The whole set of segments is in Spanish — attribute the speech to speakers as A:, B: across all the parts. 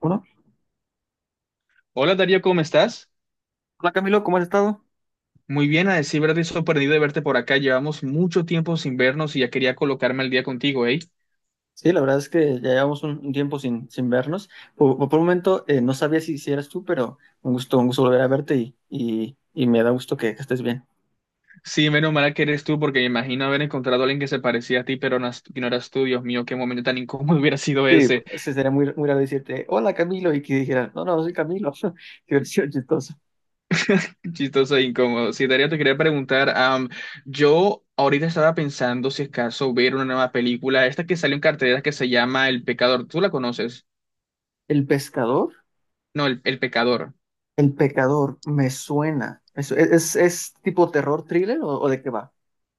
A: Bueno,
B: Hola Darío, ¿cómo estás?
A: hola Camilo, ¿cómo has estado?
B: Muy bien, a decir verdad, estoy sorprendido de verte por acá. Llevamos mucho tiempo sin vernos y ya quería colocarme al día contigo, ¿eh?
A: Sí, la verdad es que ya llevamos un tiempo sin vernos. Por un momento no sabía si eras tú, pero un gusto volver a verte y me da gusto que estés bien.
B: Sí, menos mal que eres tú, porque me imagino haber encontrado a alguien que se parecía a ti, pero no, que no eras tú. Dios mío, qué momento tan incómodo hubiera sido
A: Sí,
B: ese.
A: se sería muy, muy raro decirte, hola Camilo, y que dijeras, no, no, soy Camilo. Qué versión chistosa.
B: Chistoso e incómodo. Sí, Darío, te quería preguntar, yo ahorita estaba pensando si es caso ver una nueva película, esta que salió en cartelera que se llama El Pecador. ¿Tú la conoces?
A: El pescador,
B: No, El Pecador.
A: el pecador, me suena. Es tipo terror thriller o de qué va?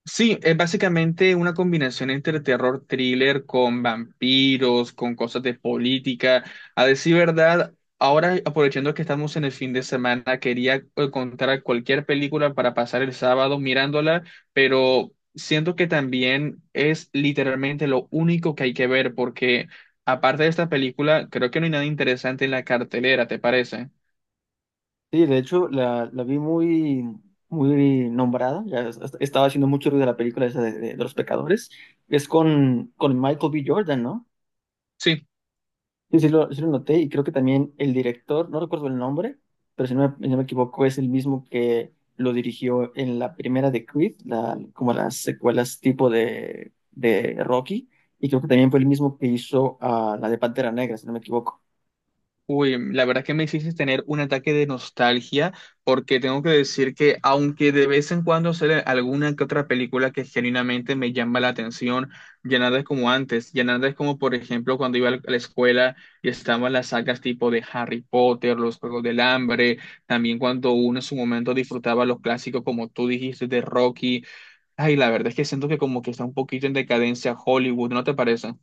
B: Sí, es básicamente una combinación entre terror thriller con vampiros, con cosas de política. A decir verdad, ahora aprovechando que estamos en el fin de semana, quería encontrar cualquier película para pasar el sábado mirándola, pero siento que también es literalmente lo único que hay que ver, porque aparte de esta película, creo que no hay nada interesante en la cartelera, ¿te parece?
A: Sí, de hecho, la vi muy, muy nombrada. Estaba haciendo mucho ruido de la película esa de los pecadores. Es con Michael B. Jordan, ¿no?
B: Sí.
A: Sí lo noté. Y creo que también el director, no recuerdo el nombre, pero si no me equivoco, es el mismo que lo dirigió en la primera de Creed, la, como las secuelas tipo de Rocky. Y creo que también fue el mismo que hizo la de Pantera Negra, si no me equivoco.
B: Uy, la verdad que me hiciste tener un ataque de nostalgia porque tengo que decir que aunque de vez en cuando sale alguna que otra película que genuinamente me llama la atención, ya nada es como antes, ya nada es como por ejemplo cuando iba a la escuela y estaban las sagas tipo de Harry Potter, los Juegos del Hambre, también cuando uno en su momento disfrutaba los clásicos como tú dijiste de Rocky. Ay, la verdad es que siento que como que está un poquito en decadencia Hollywood, ¿no te parece?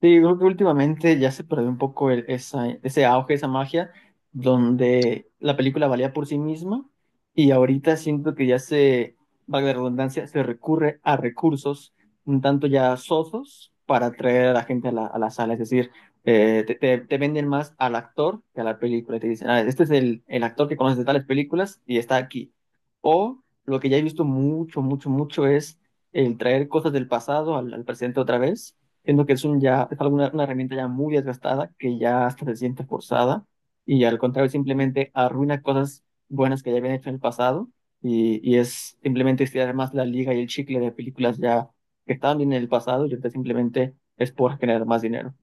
A: Sí, creo que últimamente ya se perdió un poco esa, ese auge, esa magia, donde la película valía por sí misma y ahorita siento que valga la redundancia, se recurre a recursos un tanto ya sosos para atraer a la gente a a la sala. Es decir, te venden más al actor que a la película. Te dicen, "Ah, este es el actor que conoces de tales películas y está aquí. O lo que ya he visto mucho, mucho, mucho es el traer cosas del pasado al al presente otra vez. Siento que es un ya, es alguna, una herramienta ya muy desgastada, que ya hasta se siente forzada, y al contrario, simplemente arruina cosas buenas que ya habían hecho en el pasado, y es simplemente estirar más la liga y el chicle de películas ya que estaban bien en el pasado, y ahorita simplemente es por generar más dinero.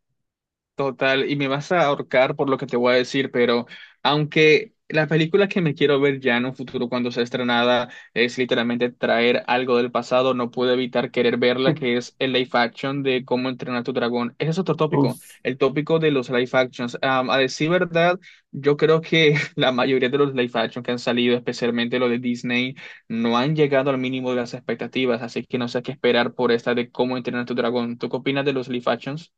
B: Total, y me vas a ahorcar por lo que te voy a decir, pero aunque la película que me quiero ver ya en un futuro cuando sea estrenada es literalmente traer algo del pasado, no pude evitar querer verla, que es el live action de Cómo entrenar a tu dragón. Ese es otro tópico,
A: Uf,
B: el tópico de los live actions. A decir verdad, yo creo que la mayoría de los live action que han salido, especialmente los de Disney, no han llegado al mínimo de las expectativas, así que no sé qué esperar por esta de Cómo entrenar a tu dragón. ¿Tú qué opinas de los live actions?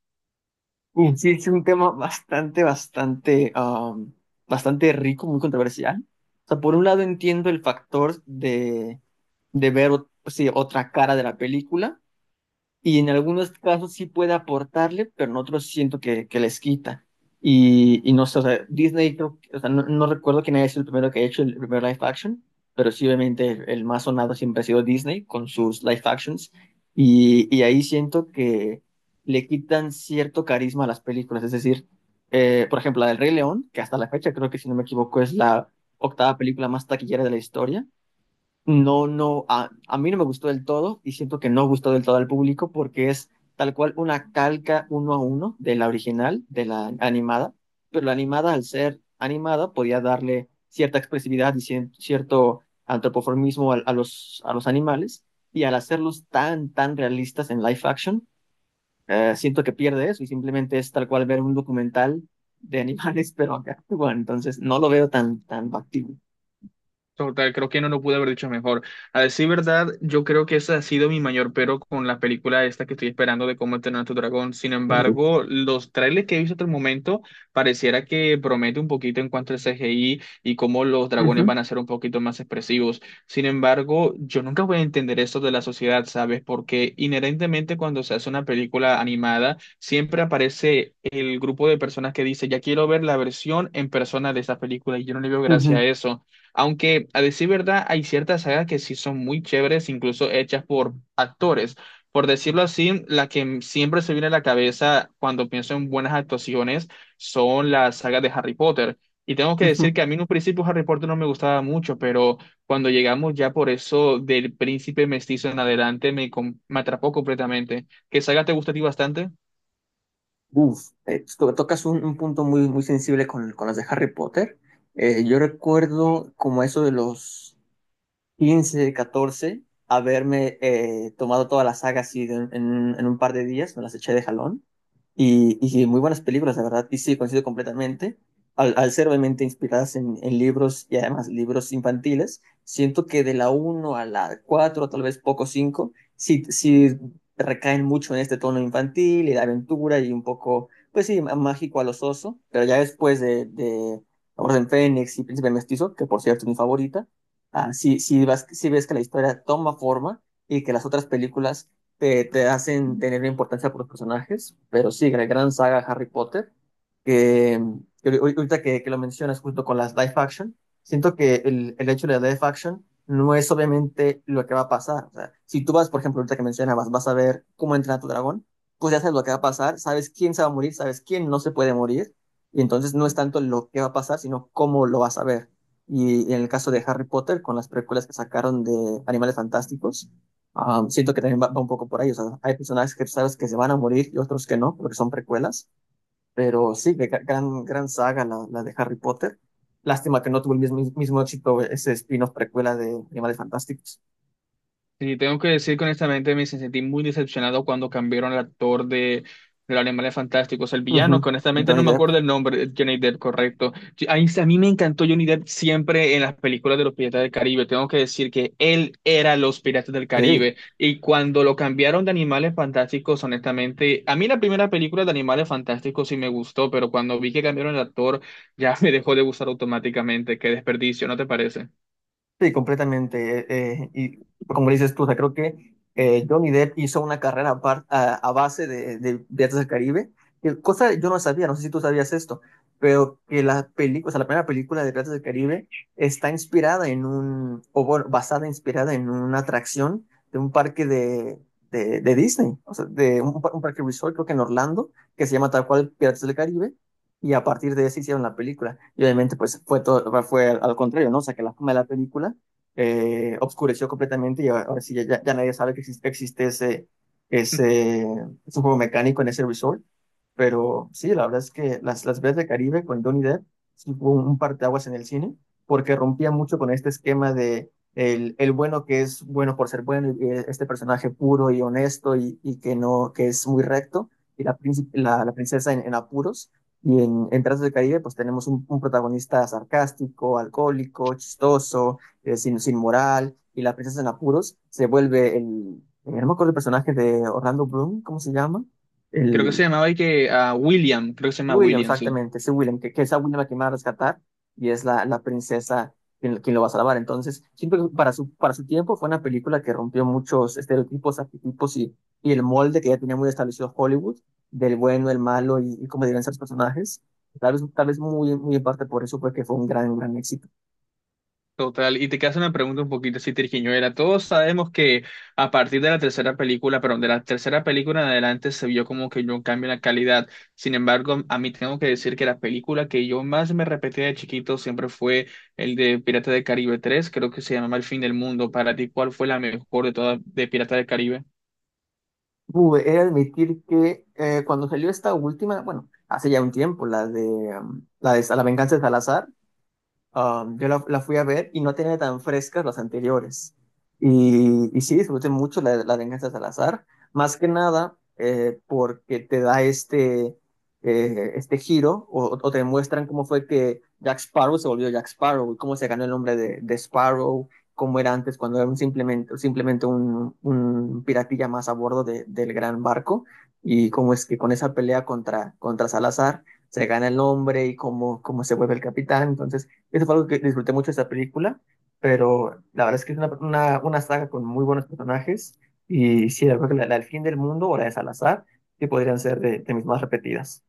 A: sí, es un tema bastante, bastante, bastante rico, muy controversial. O sea, por un lado entiendo el factor de ver otra cara de la película, y en algunos casos sí puede aportarle, pero en otros siento que les quita. Y no sé, o sea, Disney, creo o sea, no recuerdo quién es el primero que ha hecho el primer live action, pero sí, obviamente, el más sonado siempre ha sido Disney con sus live actions. Y ahí siento que le quitan cierto carisma a las películas. Es decir, por ejemplo, la del Rey León, que hasta la fecha creo que, si no me equivoco, es la octava película más taquillera de la historia. A mí no me gustó del todo y siento que no gustó del todo al público porque es tal cual una calca uno a uno de la original, de la animada, pero la animada al ser animada podía darle cierta expresividad y cierto antropoformismo a, a los animales y al hacerlos tan, tan realistas en live action, siento que pierde eso y simplemente es tal cual ver un documental de animales, pero acá, bueno, entonces no lo veo tan, tan factible.
B: Total, creo que no lo pude haber dicho mejor. A decir verdad, yo creo que ese ha sido mi mayor pero con la película esta que estoy esperando de cómo entrenar a tu dragón. Sin
A: Sí.
B: embargo, los trailers que he visto hasta el momento pareciera que promete un poquito en cuanto al CGI y cómo los dragones
A: Ujú,
B: van a ser un poquito más expresivos. Sin embargo, yo nunca voy a entender esto de la sociedad, ¿sabes? Porque inherentemente cuando se hace una película animada, siempre aparece el grupo de personas que dice, ya quiero ver la versión en persona de esa película y yo no le veo gracia
A: ujú,
B: a eso. Aunque a decir verdad, hay ciertas sagas que sí son muy chéveres, incluso hechas por actores. Por decirlo así, la siempre se viene a la cabeza cuando pienso en buenas actuaciones son las sagas de Harry Potter. Y tengo que decir que
A: ujú.
B: a mí en un principio Harry Potter no me gustaba mucho, pero cuando llegamos ya por eso del príncipe mestizo en adelante me atrapó completamente. ¿Qué saga te gusta a ti bastante?
A: Tocas un punto muy, muy sensible con las de Harry Potter. Yo recuerdo como eso de los 15 14 haberme tomado toda la saga así en un par de días, me las eché de jalón. Y sí, muy buenas películas, la verdad. Y sí, coincido completamente. Al ser obviamente inspiradas en libros y además libros infantiles, siento que de la uno a la 4, tal vez poco 5 sí, sí recaen mucho en este tono infantil y de aventura y un poco, pues sí, mágico a los osos. Pero ya después de Orden Fénix y Príncipe Mestizo, que por cierto es mi favorita, si ves que la historia toma forma y que las otras películas te hacen tener importancia por los personajes, pero sí, la gran saga Harry Potter, que, que ahorita que lo mencionas justo con las live action, siento que el hecho de la live action no es obviamente lo que va a pasar. O sea, si tú vas, por ejemplo, ahorita que mencionabas, vas a ver cómo entra tu dragón, pues ya sabes lo que va a pasar, sabes quién se va a morir, sabes quién no se puede morir, y entonces no es tanto lo que va a pasar, sino cómo lo vas a ver. Y en el caso de Harry Potter, con las precuelas que sacaron de Animales Fantásticos, siento que también va un poco por ahí. O sea, hay personajes que sabes que se van a morir y otros que no, porque son precuelas. Pero sí, gran, gran saga la de Harry Potter. Lástima que no tuvo mismo éxito ese spin-off precuela de Animales Fantásticos.
B: Sí, tengo que decir que honestamente me sentí muy decepcionado cuando cambiaron al actor de los Animales Fantásticos, el villano,
A: Ujú.
B: que honestamente no
A: Johnny
B: me
A: Depp.
B: acuerdo el nombre, Johnny Depp, correcto. Sí, a a mí me encantó Johnny Depp siempre en las películas de los Piratas del Caribe. Tengo que decir que él era los Piratas del
A: Sí.
B: Caribe. Y cuando lo cambiaron de Animales Fantásticos, honestamente, a mí la primera película de Animales Fantásticos sí me gustó, pero cuando vi que cambiaron el actor, ya me dejó de gustar automáticamente. Qué desperdicio, ¿no te parece?
A: Sí, completamente. Y como dices tú, o sea, creo que Johnny Depp hizo una carrera a, a base de Piratas del Caribe, que cosa yo no sabía, no sé si tú sabías esto, pero que la película, o sea, la primera película de Piratas del Caribe está inspirada en un, o bueno, basada, inspirada en una atracción de un parque de Disney, o sea, de un, un parque resort, creo que en Orlando, que se llama tal cual Piratas del Caribe, y a partir de eso hicieron la película. Y obviamente, pues fue todo, fue al contrario, ¿no? O sea, que la fama de la película obscureció completamente y ahora sí ya, ya nadie sabe que existe ese, ese juego mecánico en ese resort. Pero sí, la verdad es que las veces de Caribe con Johnny Depp sí fue un parteaguas en el cine, porque rompía mucho con este esquema de el bueno que es bueno por ser bueno, y este personaje puro y honesto y que no, que es muy recto, y la princesa en apuros y en Trazos del Caribe, pues tenemos un protagonista sarcástico, alcohólico, chistoso, sin moral, y la princesa en apuros se vuelve el, no me acuerdo el personaje de Orlando Bloom, ¿cómo se llama?
B: Creo que se
A: El,
B: llamaba y que a William, creo que se llama
A: William,
B: William, sí.
A: exactamente, ese William, que es a William a quien va a rescatar y es la princesa quien, quien lo va a salvar. Entonces, siento que para para su tiempo fue una película que rompió muchos estereotipos, arquetipos y el molde que ya tenía muy establecido Hollywood, del bueno, el malo y cómo debían ser los personajes. Tal vez muy, muy en parte por eso fue que fue un gran, gran éxito.
B: Total, y te queda una pregunta un poquito así era. Todos sabemos que a partir de la tercera película, perdón, de la tercera película en adelante se vio como que yo un cambio en la calidad. Sin embargo, a mí tengo que decir que la película que yo más me repetía de chiquito siempre fue el de Pirata del Caribe tres, creo que se llamaba El fin del mundo. Para ti, ¿cuál fue la mejor de todas de Pirata del Caribe?
A: He de admitir que cuando salió esta última, bueno, hace ya un tiempo, la de La venganza de Salazar. Yo la fui a ver y no tenía tan frescas las anteriores. Y sí, disfruté mucho la venganza de Salazar, más que nada porque te da este giro o te muestran cómo fue que Jack Sparrow se volvió Jack Sparrow y cómo se ganó el nombre de Sparrow, cómo era antes cuando era un simplemente un piratilla más a bordo del gran barco y cómo es que con esa pelea contra Salazar se gana el nombre y cómo, cómo se vuelve el capitán. Entonces, eso fue algo que disfruté mucho de esta película, pero la verdad es que es una saga con muy buenos personajes y sí, yo creo que la del fin del mundo o la de Salazar que podrían ser de mis más repetidas.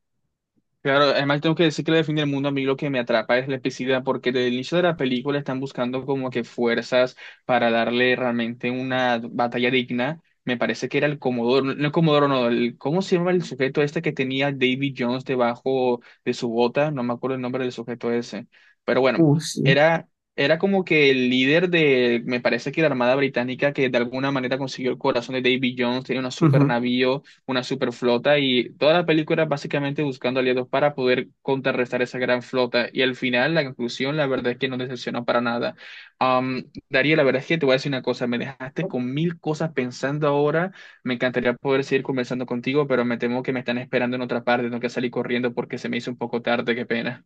B: Claro, además tengo que decir que la define el mundo a mí lo que me atrapa es la epicidad, porque desde el inicio de la película están buscando como que fuerzas para darle realmente una batalla digna. Me parece que era el Comodoro, el Comodoro, no, el, ¿cómo se llama el sujeto este que tenía David Jones debajo de su bota? No me acuerdo el nombre del sujeto ese. Pero bueno,
A: Sí.
B: era, era como que el líder de, me parece que la Armada Británica que de alguna manera consiguió el corazón de David Jones, tenía un super
A: Ujú.
B: navío, una super flota, y toda la película básicamente buscando aliados para poder contrarrestar esa gran flota, y al final la conclusión la verdad es que no decepcionó para nada. Darío, la verdad es que te voy a decir una cosa, me dejaste con mil cosas pensando ahora, me encantaría poder seguir conversando contigo, pero me temo que me están esperando en otra parte, tengo que salir corriendo porque se me hizo un poco tarde, qué pena.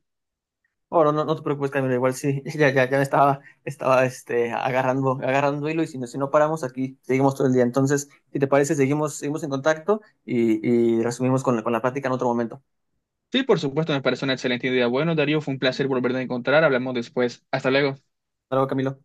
A: Bueno, no te preocupes, Camilo, igual sí, ya me estaba, estaba este, agarrando, agarrando hilo y si no, si no paramos aquí, seguimos todo el día. Entonces, si te parece, seguimos, seguimos en contacto y resumimos con, con la plática en otro momento.
B: Sí, por supuesto, me parece una excelente idea. Bueno, Darío, fue un placer volverte a encontrar, hablamos después, hasta luego.
A: Hasta luego, Camilo.